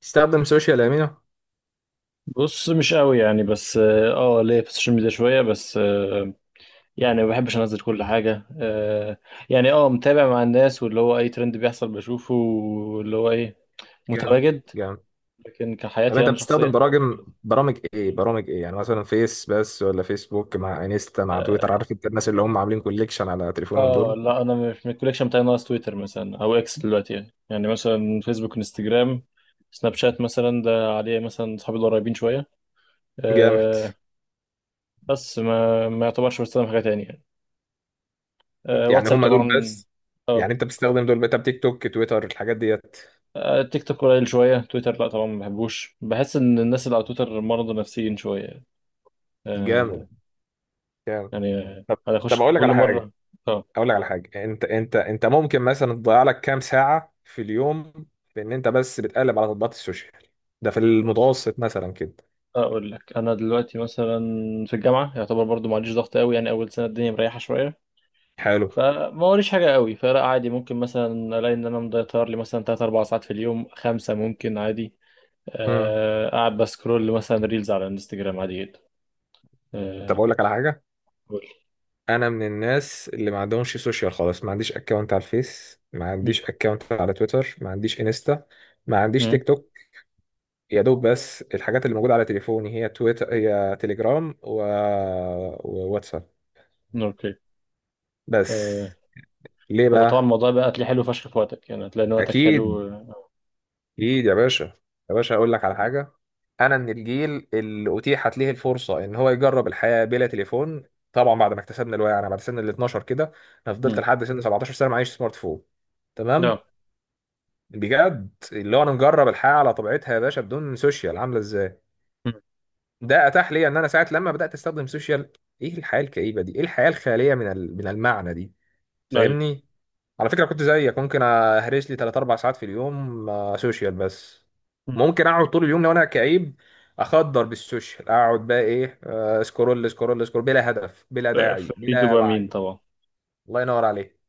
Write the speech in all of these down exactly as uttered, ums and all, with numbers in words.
تستخدم سوشيال امينو؟ بص، مش قوي يعني بس اه آه، ليا في السوشيال ميديا شويه بس آه يعني ما بحبش انزل كل حاجه آه يعني اه متابع مع الناس، واللي هو اي ترند بيحصل بشوفه واللي هو ايه جامد، متواجد. جامد. لكن طب كحياتي انت انا بتستخدم شخصيا برامج؟ برامج ايه، برامج ايه يعني، مثلا فيس بس، ولا فيسبوك مع انستا مع تويتر؟ اه عارف انت الناس اللي هم عاملين كوليكشن على تليفونهم آه، دول؟ لا انا مش من الكوليكشن، بتاعي ناقص تويتر مثلا او اكس دلوقتي، يعني يعني مثلا فيسبوك، انستجرام، سناب شات مثلا ده عليه مثلا اصحابي القريبين شويه جامد. آه بس ما ما يعتبرش بستخدم حاجه تانية يعني. آه، يعني واتساب هم دول طبعا. بس؟ آه، يعني انت بتستخدم دول بقى، تيك توك، تويتر، الحاجات ديت؟ آه، تيك توك قليل شوية، تويتر لا طبعا ما بحبوش، بحس إن الناس اللي على تويتر مرضى نفسيين شوية. آه، جامد، جامد. يعني آه، طب أنا أخش طب اقول لك كل على حاجه، مرة. أه. اقول لك على حاجه. انت انت انت ممكن مثلا تضيع لك كام ساعه في اليوم، بان انت بس بتقلب على تطبيقات السوشيال؟ ده في بص، المتوسط مثلا كده. أقول لك أنا دلوقتي مثلا في الجامعة يعتبر برضو معليش ضغط قوي، يعني أول سنة الدنيا مريحة شوية، حلو. فما وريش حاجة قوي، فلا عادي ممكن مثلا ألاقي إن أنا مضيطر لي مثلا تلات أربع ساعات في اليوم، خمسة ممكن عادي. امم. آه، قاعد بسكرول مثلا ريلز على الانستجرام عادي جدا. طب اقول لك آه، على حاجه. قول. انا من الناس اللي ما عندهمش سوشيال خالص، ما عنديش اكونت على الفيس، ما م- عنديش اكونت على تويتر، ما عنديش انستا، ما عنديش م- تيك توك. يا دوب بس الحاجات اللي موجودة على تليفوني هي تويتر، هي تليجرام، و... وواتساب أوكي. بس. آه، ليه هو طبعا بقى؟ الموضوع بقى هتلاقيه حلو فشخ في وقتك، يعني هتلاقي ان وقتك حلو. اكيد، اكيد يا باشا. يا باشا اقول لك على حاجة، انا من الجيل اللي اتيحت ليه الفرصة ان هو يجرب الحياة بلا تليفون. طبعا بعد ما اكتسبنا الوعي، انا بعد سن ال اثنا عشر كده، انا فضلت امم. لحد سن سبعتاشر سنة معيش سمارت فون. نعم. تمام؟ بجد اللي هو انا مجرب الحياه على طبيعتها يا باشا بدون سوشيال عامله ازاي. مم. ده اتاح لي ان انا ساعه لما بدات استخدم سوشيال، ايه الحياه الكئيبه دي! ايه الحياه الخاليه من ال- من المعنى دي! ايوه. فاهمني؟ على فكره كنت زيك، ممكن اهرس لي تلاتة اربعة ساعات في اليوم آه، سوشيال بس. مم. ممكن اقعد طول اليوم لو انا كئيب اخدر بالسوشيال، اقعد بقى ايه، آه، سكرول سكرول سكرول، بلا هدف بلا آه، داعي في بلا دوبامين وعي. طبعا. الله ينور عليك.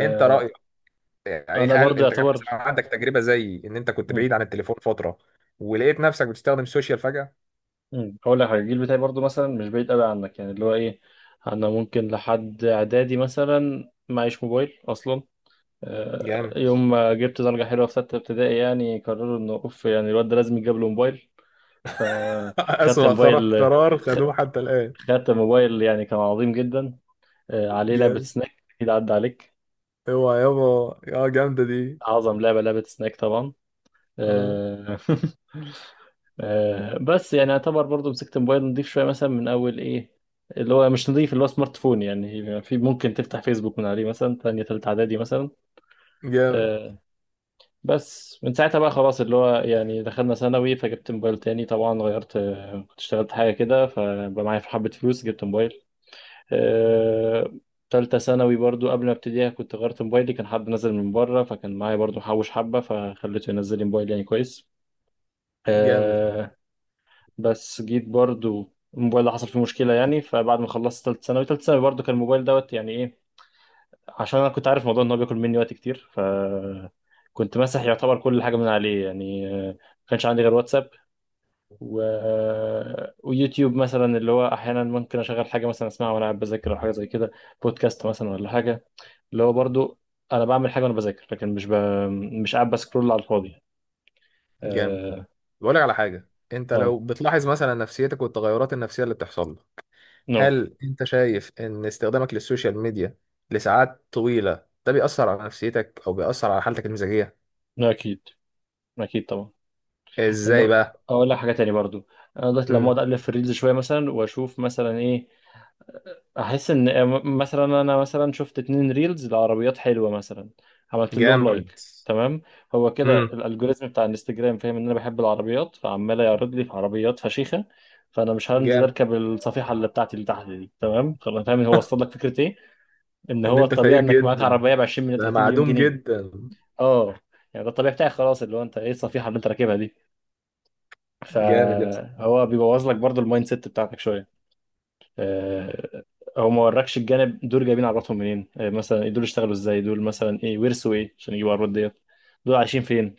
انت رايك؟ يعني انا هل برضو انت كان يعتبر. مثلا عندك تجربه زي ان انت كنت مم. بعيد عن التليفون فتره ولقيت نفسك بتستخدم السوشيال فجاه؟ مم. هقول لك حاجه، الجيل بتاعي برضو مثلا مش بعيد قوي عنك يعني اللي هو ايه، انا ممكن لحد اعدادي مثلا معيش موبايل اصلا. جامد. آه، يوم ما جبت درجه حلوه في سته ابتدائي يعني قرروا انه اوف، يعني الواد ده لازم يتجاب له موبايل، فخدت أسوأ قرار موبايل. قرار خ- خدوه حتى الآن. خدت موبايل يعني كان عظيم جدا. آه، عليه لعبه جامد، سناك اكيد عدى عليك. اوعى يابا. اه، جامدة دي. أعظم لعبة لعبة سناك طبعا. اه. آه، آه، بس يعني اعتبر برضو مسكت موبايل نضيف شوية مثلا من أول إيه، اللي هو مش نضيف، اللي هو سمارت فون يعني في ممكن تفتح فيسبوك من عليه مثلا تانية تالتة إعدادي مثلا. جامد. آه. بس من ساعتها بقى خلاص اللي هو يعني دخلنا ثانوي، فجبت موبايل تاني طبعا، غيرت آه، كنت اشتغلت حاجة كده فبقى معايا حبة فلوس، جبت موبايل. آه. تالتة ثانوي برضو قبل ما ابتديها كنت غيرت موبايلي، كان حد نزل من بره فكان معايا برضو حوش حبة فخليته ينزل لي موبايل يعني كويس. جامد. آه. بس جيت برضو الموبايل ده حصل فيه مشكلة يعني، فبعد ما خلصت تالتة ثانوي، تالتة ثانوي برضو كان الموبايل دوت يعني ايه، عشان انا كنت عارف موضوع ان هو بياكل مني وقت كتير، ف كنت ماسح يعتبر كل حاجة من عليه يعني آه، ما كانش عندي غير واتساب و... آه، ويوتيوب مثلا، اللي هو احيانا ممكن اشغل حاجة مثلا اسمعها وانا قاعد بذاكر او حاجة زي كده، بودكاست مثلا ولا حاجة، اللي هو برضو انا بعمل حاجة وانا بذاكر لكن مش ب... مش قاعد بسكرول على الفاضي يعني. جامد. اه. بقول لك على حاجه، انت اه. لو بتلاحظ مثلا نفسيتك والتغيرات النفسيه اللي بتحصل لك، نو. هل انت شايف ان استخدامك للسوشيال ميديا لساعات طويله ده بيأثر على نفسيتك او بيأثر على حالتك المزاجيه؟ نو، اكيد. اكيد طبعا. ازاي لان، بقى؟ اقول لك حاجه تاني برضو، انا دلوقتي لما اقعد امم. اقلب في الريلز شويه مثلا واشوف مثلا ايه، احس ان مثلا انا مثلا شفت اتنين ريلز لعربيات حلوه مثلا، عملت لهم جامد. لايك تمام. هو كده الالجوريزم بتاع الانستجرام فاهم ان انا بحب العربيات فعمال يعرض لي في عربيات فشيخه، فانا مش هنزل جامد. اركب الصفيحه اللي بتاعتي اللي تحت دي تمام خلاص، فاهم هو وصل لك فكره ايه، ان ان هو انت الطبيعي فقير انك معاك جدا، عربيه ب عشرين مليون ده ثلاثين مليون معدوم جنيه. جدا. اه. يعني ده الطبيعي بتاعي خلاص، اللي هو انت ايه الصفيحه اللي انت راكبها دي، جامد يا اسطى. فهو بيبوظ لك برضو المايند سيت بتاعتك شويه. آه، هو ما وركش الجانب، دول جايبين عرباتهم منين، آه، مثلا إيه دول اشتغلوا ازاي، دول مثلا ايه ورثوا ايه عشان يجيبوا العربات ديت، دول عايشين فين،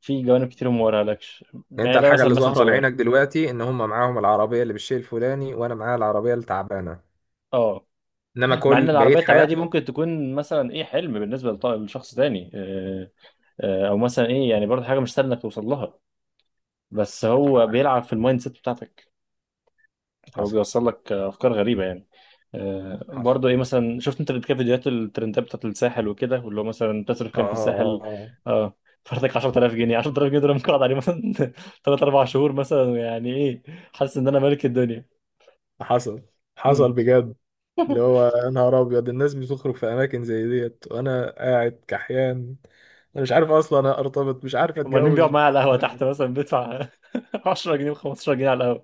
في جوانب كتير ما وراهالكش، يعني انت يعني ده الحاجه مثلا اللي مثل ظاهره لعينك صغير. دلوقتي ان هم معاهم العربيه اللي بالشيء الفلاني وانا معايا العربيه التعبانه، اه. انما مع كل ان بقيه العربيه التعبانه دي حياتهم. ممكن تكون مثلا ايه حلم بالنسبه لط- لشخص تاني. آه، آه، او مثلا ايه يعني برضه حاجه مش سهله انك توصل لها. بس هو بيلعب في المايند سيت بتاعتك. هو حصل. بيوصل لك افكار غريبه يعني. آه، حصل. برضه ايه مثلا شفت انت قبل كده فيديوهات الترندات بتاعت الساحل وكده، واللي هو مثلا تصرف اه، كام في اه، الساحل. اه. اه. فرتك عشرة آلاف جنيه عشرة آلاف جنيه دول ممكن اقعد عليه مثلا تلات اربع شهور مثلا يعني ايه، حاسس ان انا ملك الدنيا. حصل، حصل امم. بجد، اللي هو يا نهار ابيض، الناس بتخرج في اماكن زي ديت وانا قاعد كحيان. انا مش عارف اصلا ارتبط، مش عارف امال مين بيقعد اتجوز. معايا على القهوه لا، تحت مثلا بيدفع عشرة جنيه و15 جنيه على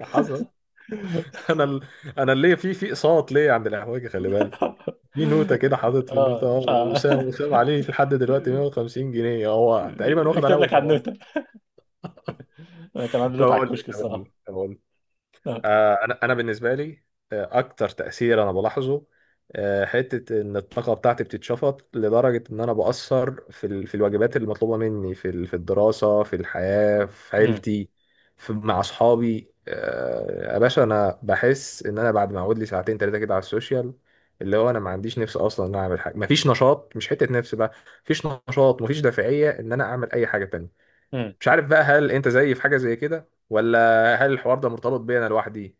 حصل. القهوه. انا ال... انا اللي في في اقساط ليه عند الاحواجي، خلي بالك. في نوتة كده، حاطط في اه النوتة، اه، لا. وسام وسام عليه لحد دلوقتي ميه وخمسين جنيه هو تقريبا، واخد عليها يكتب لك على وصولات. النوتة، انا كان عندي طب نوتة على اقول لك، الكشك الصراحه. طب اقول لك. آه. آه، انا انا بالنسبه لي، آه، اكتر تاثير انا بلاحظه، آه، حته ان الطاقه بتاعتي بتتشفط لدرجه ان انا باثر في ال- في الواجبات المطلوبه مني، في ال- في الدراسه، في الحياه، في عيلتي، في مع اصحابي. آه، يا باشا، انا بحس ان انا بعد ما اقعد لي ساعتين ثلاثه كده على السوشيال، اللي هو انا ما عنديش نفس اصلا ان انا اعمل حاجه، مفيش نشاط، مش حته نفس بقى، مفيش نشاط، مفيش دافعيه ان انا اعمل اي حاجه تانية. امم. مش عارف بقى، هل انت زيي في حاجه زي كده ولا هل الحوار ده مرتبط بيا انا لوحدي؟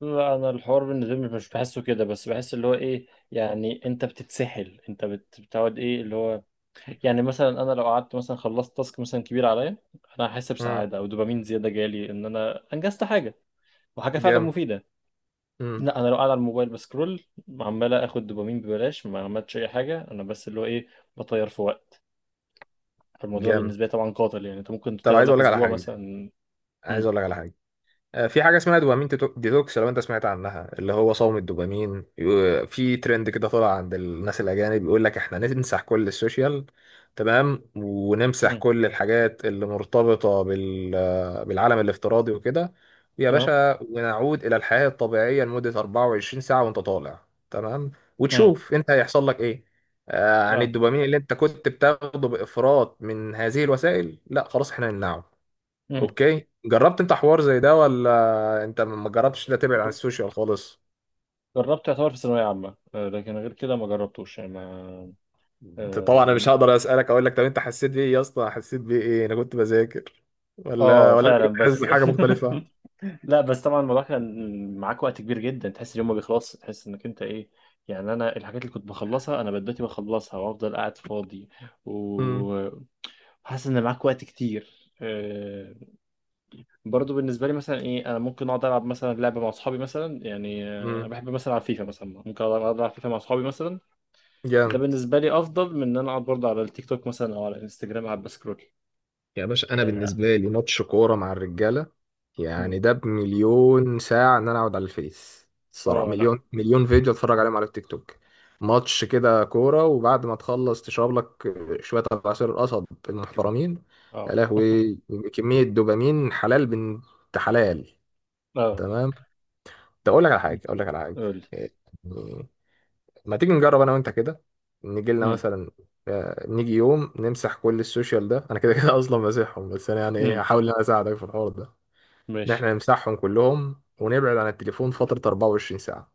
لا انا الحوار بالنسبه لي مش بحسه كده، بس بحس اللي هو ايه، يعني انت بتتسحل، انت بت- بتقعد ايه اللي هو، يعني مثلا انا لو قعدت مثلا خلصت تاسك مثلا كبير عليا انا هحس امم. بسعاده او دوبامين زياده جالي ان انا انجزت حاجه، وحاجه فعلا جامد. مفيده. امم. لا انا لو قاعد على الموبايل بسكرول عمال اخد دوبامين ببلاش، ما عملتش اي حاجه انا بس اللي هو ايه، بطير في وقت، فالموضوع ده جامد. بالنسبه لي طبعا قاتل، يعني انت ممكن طب تطير عايز لك اقول لك على اسبوع حاجه، مثلا. عايز امم. اقول لك على حاجه. آه، في حاجة اسمها دوبامين تيتو- ديتوكس، لو انت سمعت عنها، اللي هو صوم الدوبامين، يو- في ترند كده طلع عند الناس الأجانب، بيقول لك احنا نمسح كل السوشيال، تمام، ونمسح امم. كل الحاجات اللي مرتبطة بال... آه، بالعالم الافتراضي وكده، يا اه. باشا، ونعود إلى الحياة الطبيعية لمدة اربعه وعشرين ساعة وانت طالع. تمام؟ امم. وتشوف انت هيحصل لك ايه آه، عن اه. الدوبامين اللي انت كنت بتاخده بإفراط من هذه الوسائل، لا، خلاص احنا نمنعه. امم. اوكي، جربت انت حوار زي ده ولا انت ما جربتش ده، تبعد عن السوشيال خالص؟ جربت يعتبر في ثانوية عامة، آه، لكن غير كده ما جربتوش يعني ما. انت اه. طبعا انا مش هقدر اسالك اقول لك طب انت حسيت بايه يا اسطى، حسيت بايه، ايه، انا كنت بذاكر آه، ولا آه، ولا انت فعلا كنت حاسس بس بحاجه مختلفه؟ لا بس طبعا الموضوع كان معاك وقت كبير جدا، تحس اليوم ما بيخلصش، تحس انك انت ايه، يعني انا الحاجات اللي كنت بخلصها انا بدأت بخلصها وافضل قاعد فاضي امم. و- وحاسس ان معاك وقت كتير. آه، برضو بالنسبة لي مثلا ايه انا ممكن اقعد العب مثلا لعبة مع اصحابي مثلا، يعني آه، امم. بحب مثلا العب فيفا مثلا، ممكن اقعد العب فيفا مع اصحابي مثلا، ده جامد. بالنسبه لي افضل من ان انا اقعد برضه على التيك توك مثلا او على الانستجرام قاعد بسكرول. يا باشا انا اه. بالنسبه لي ماتش كوره مع الرجاله، مم. يعني ده بمليون ساعه ان انا اقعد على الفيس، الصراحه آه، لا. مليون مليون فيديو اتفرج عليهم على التيك توك. ماتش كده كوره، وبعد ما تخلص تشرب لك شويه عصير القصب المحترمين، اه. يا لهوي، كميه دوبامين حلال بنت حلال. اه. تمام. طب اقول لك على مم. حاجه، اقول لك على حاجه. قول لي. يعني ما تيجي نجرب انا وانت كده، نيجي لنا مم. مثلا، آه، نيجي يوم نمسح كل السوشيال ده، انا كده كده اصلا ماسحهم، بس انا يعني ايه، مم. هحاول ان انا اساعدك في الحوار ده، ان ماشي. احنا نمسحهم كلهم ونبعد عن التليفون فترة اربعه وعشرين ساعة.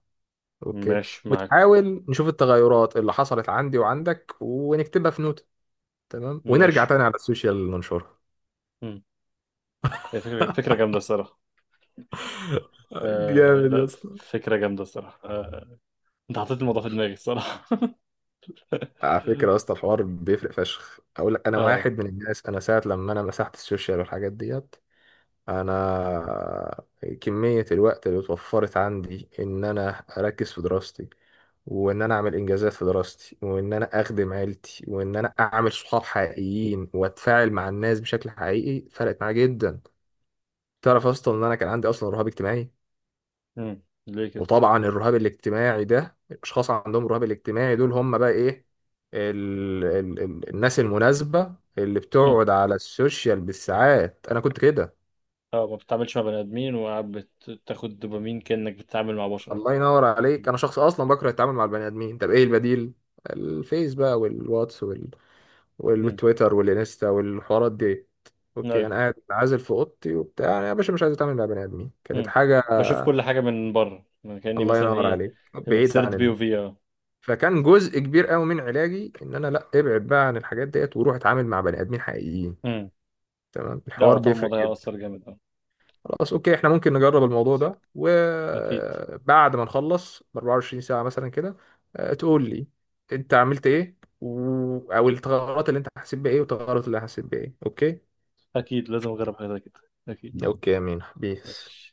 اوكي، ماشي معاك. وتحاول نشوف التغيرات اللي حصلت عندي وعندك ونكتبها في نوتة، تمام، ونرجع ماشي. تاني على السوشيال ننشرها. مم. هي فكره، فكره جامده الصراحه. آه جامد يا لا. اسطى. فكره جامده الصراحه آه. انت حطيت الموضوع في دماغي الصراحه. على فكرة يا اسطى، الحوار بيفرق فشخ، اقول لك، انا اه. واحد من الناس، انا ساعة لما انا مسحت السوشيال والحاجات ديت، انا كمية الوقت اللي اتوفرت عندي ان انا اركز في دراستي وان انا اعمل انجازات في دراستي وان انا اخدم عيلتي وان انا اعمل صحاب حقيقيين واتفاعل مع الناس بشكل حقيقي، فرقت معايا جدا. تعرف اصلا ان انا كان عندي اصلا رهاب اجتماعي؟ مم. ليه كده. وطبعا الرهاب الاجتماعي ده، الاشخاص عندهم الرهاب الاجتماعي دول هم بقى ايه، ال ال ال الناس المناسبة اللي مم. بتقعد على السوشيال بالساعات. انا كنت كده. اه، ما بتتعاملش مع بني ادمين وقاعد بت- بتاخد دوبامين كانك بتتعامل مع بشر. الله ينور عليك. مم. انا شخص اصلا بكره التعامل مع البني ادمين. طب ايه البديل؟ الفيس بقى والواتس وال... وال... مم. والتويتر والانستا والحوارات دي. اوكي، طيب. انا قاعد عازل في اوضتي وبتاع، انا يا باشا مش عايز اتعامل مع بني ادمين، كانت مم. حاجه. بشوف كل حاجة من بره، من كأني الله مثلا ينور ايه عليك، بعيد عن السيرد بي، الناس. وفي اه فكان جزء كبير قوي من علاجي ان انا لا ابعد بقى عن الحاجات ديت وروح اتعامل مع بني ادمين حقيقيين. مم. تمام، لا هو الحوار طبعا بيفرق. الموضوع هيأثر جامد. خلاص اوكي، احنا ممكن نجرب اه. الموضوع ده أكيد. وبعد ما نخلص ب اربعه وعشرين ساعة مثلا كده، آه، تقول لي انت عملت ايه، و... او التغيرات اللي انت حسيت بايه والتغيرات اللي أنا حسيت بايه. اوكي. أكيد لازم أجرب حاجة زي كده. أكيد. اوكي يا مين بيس. ماشي.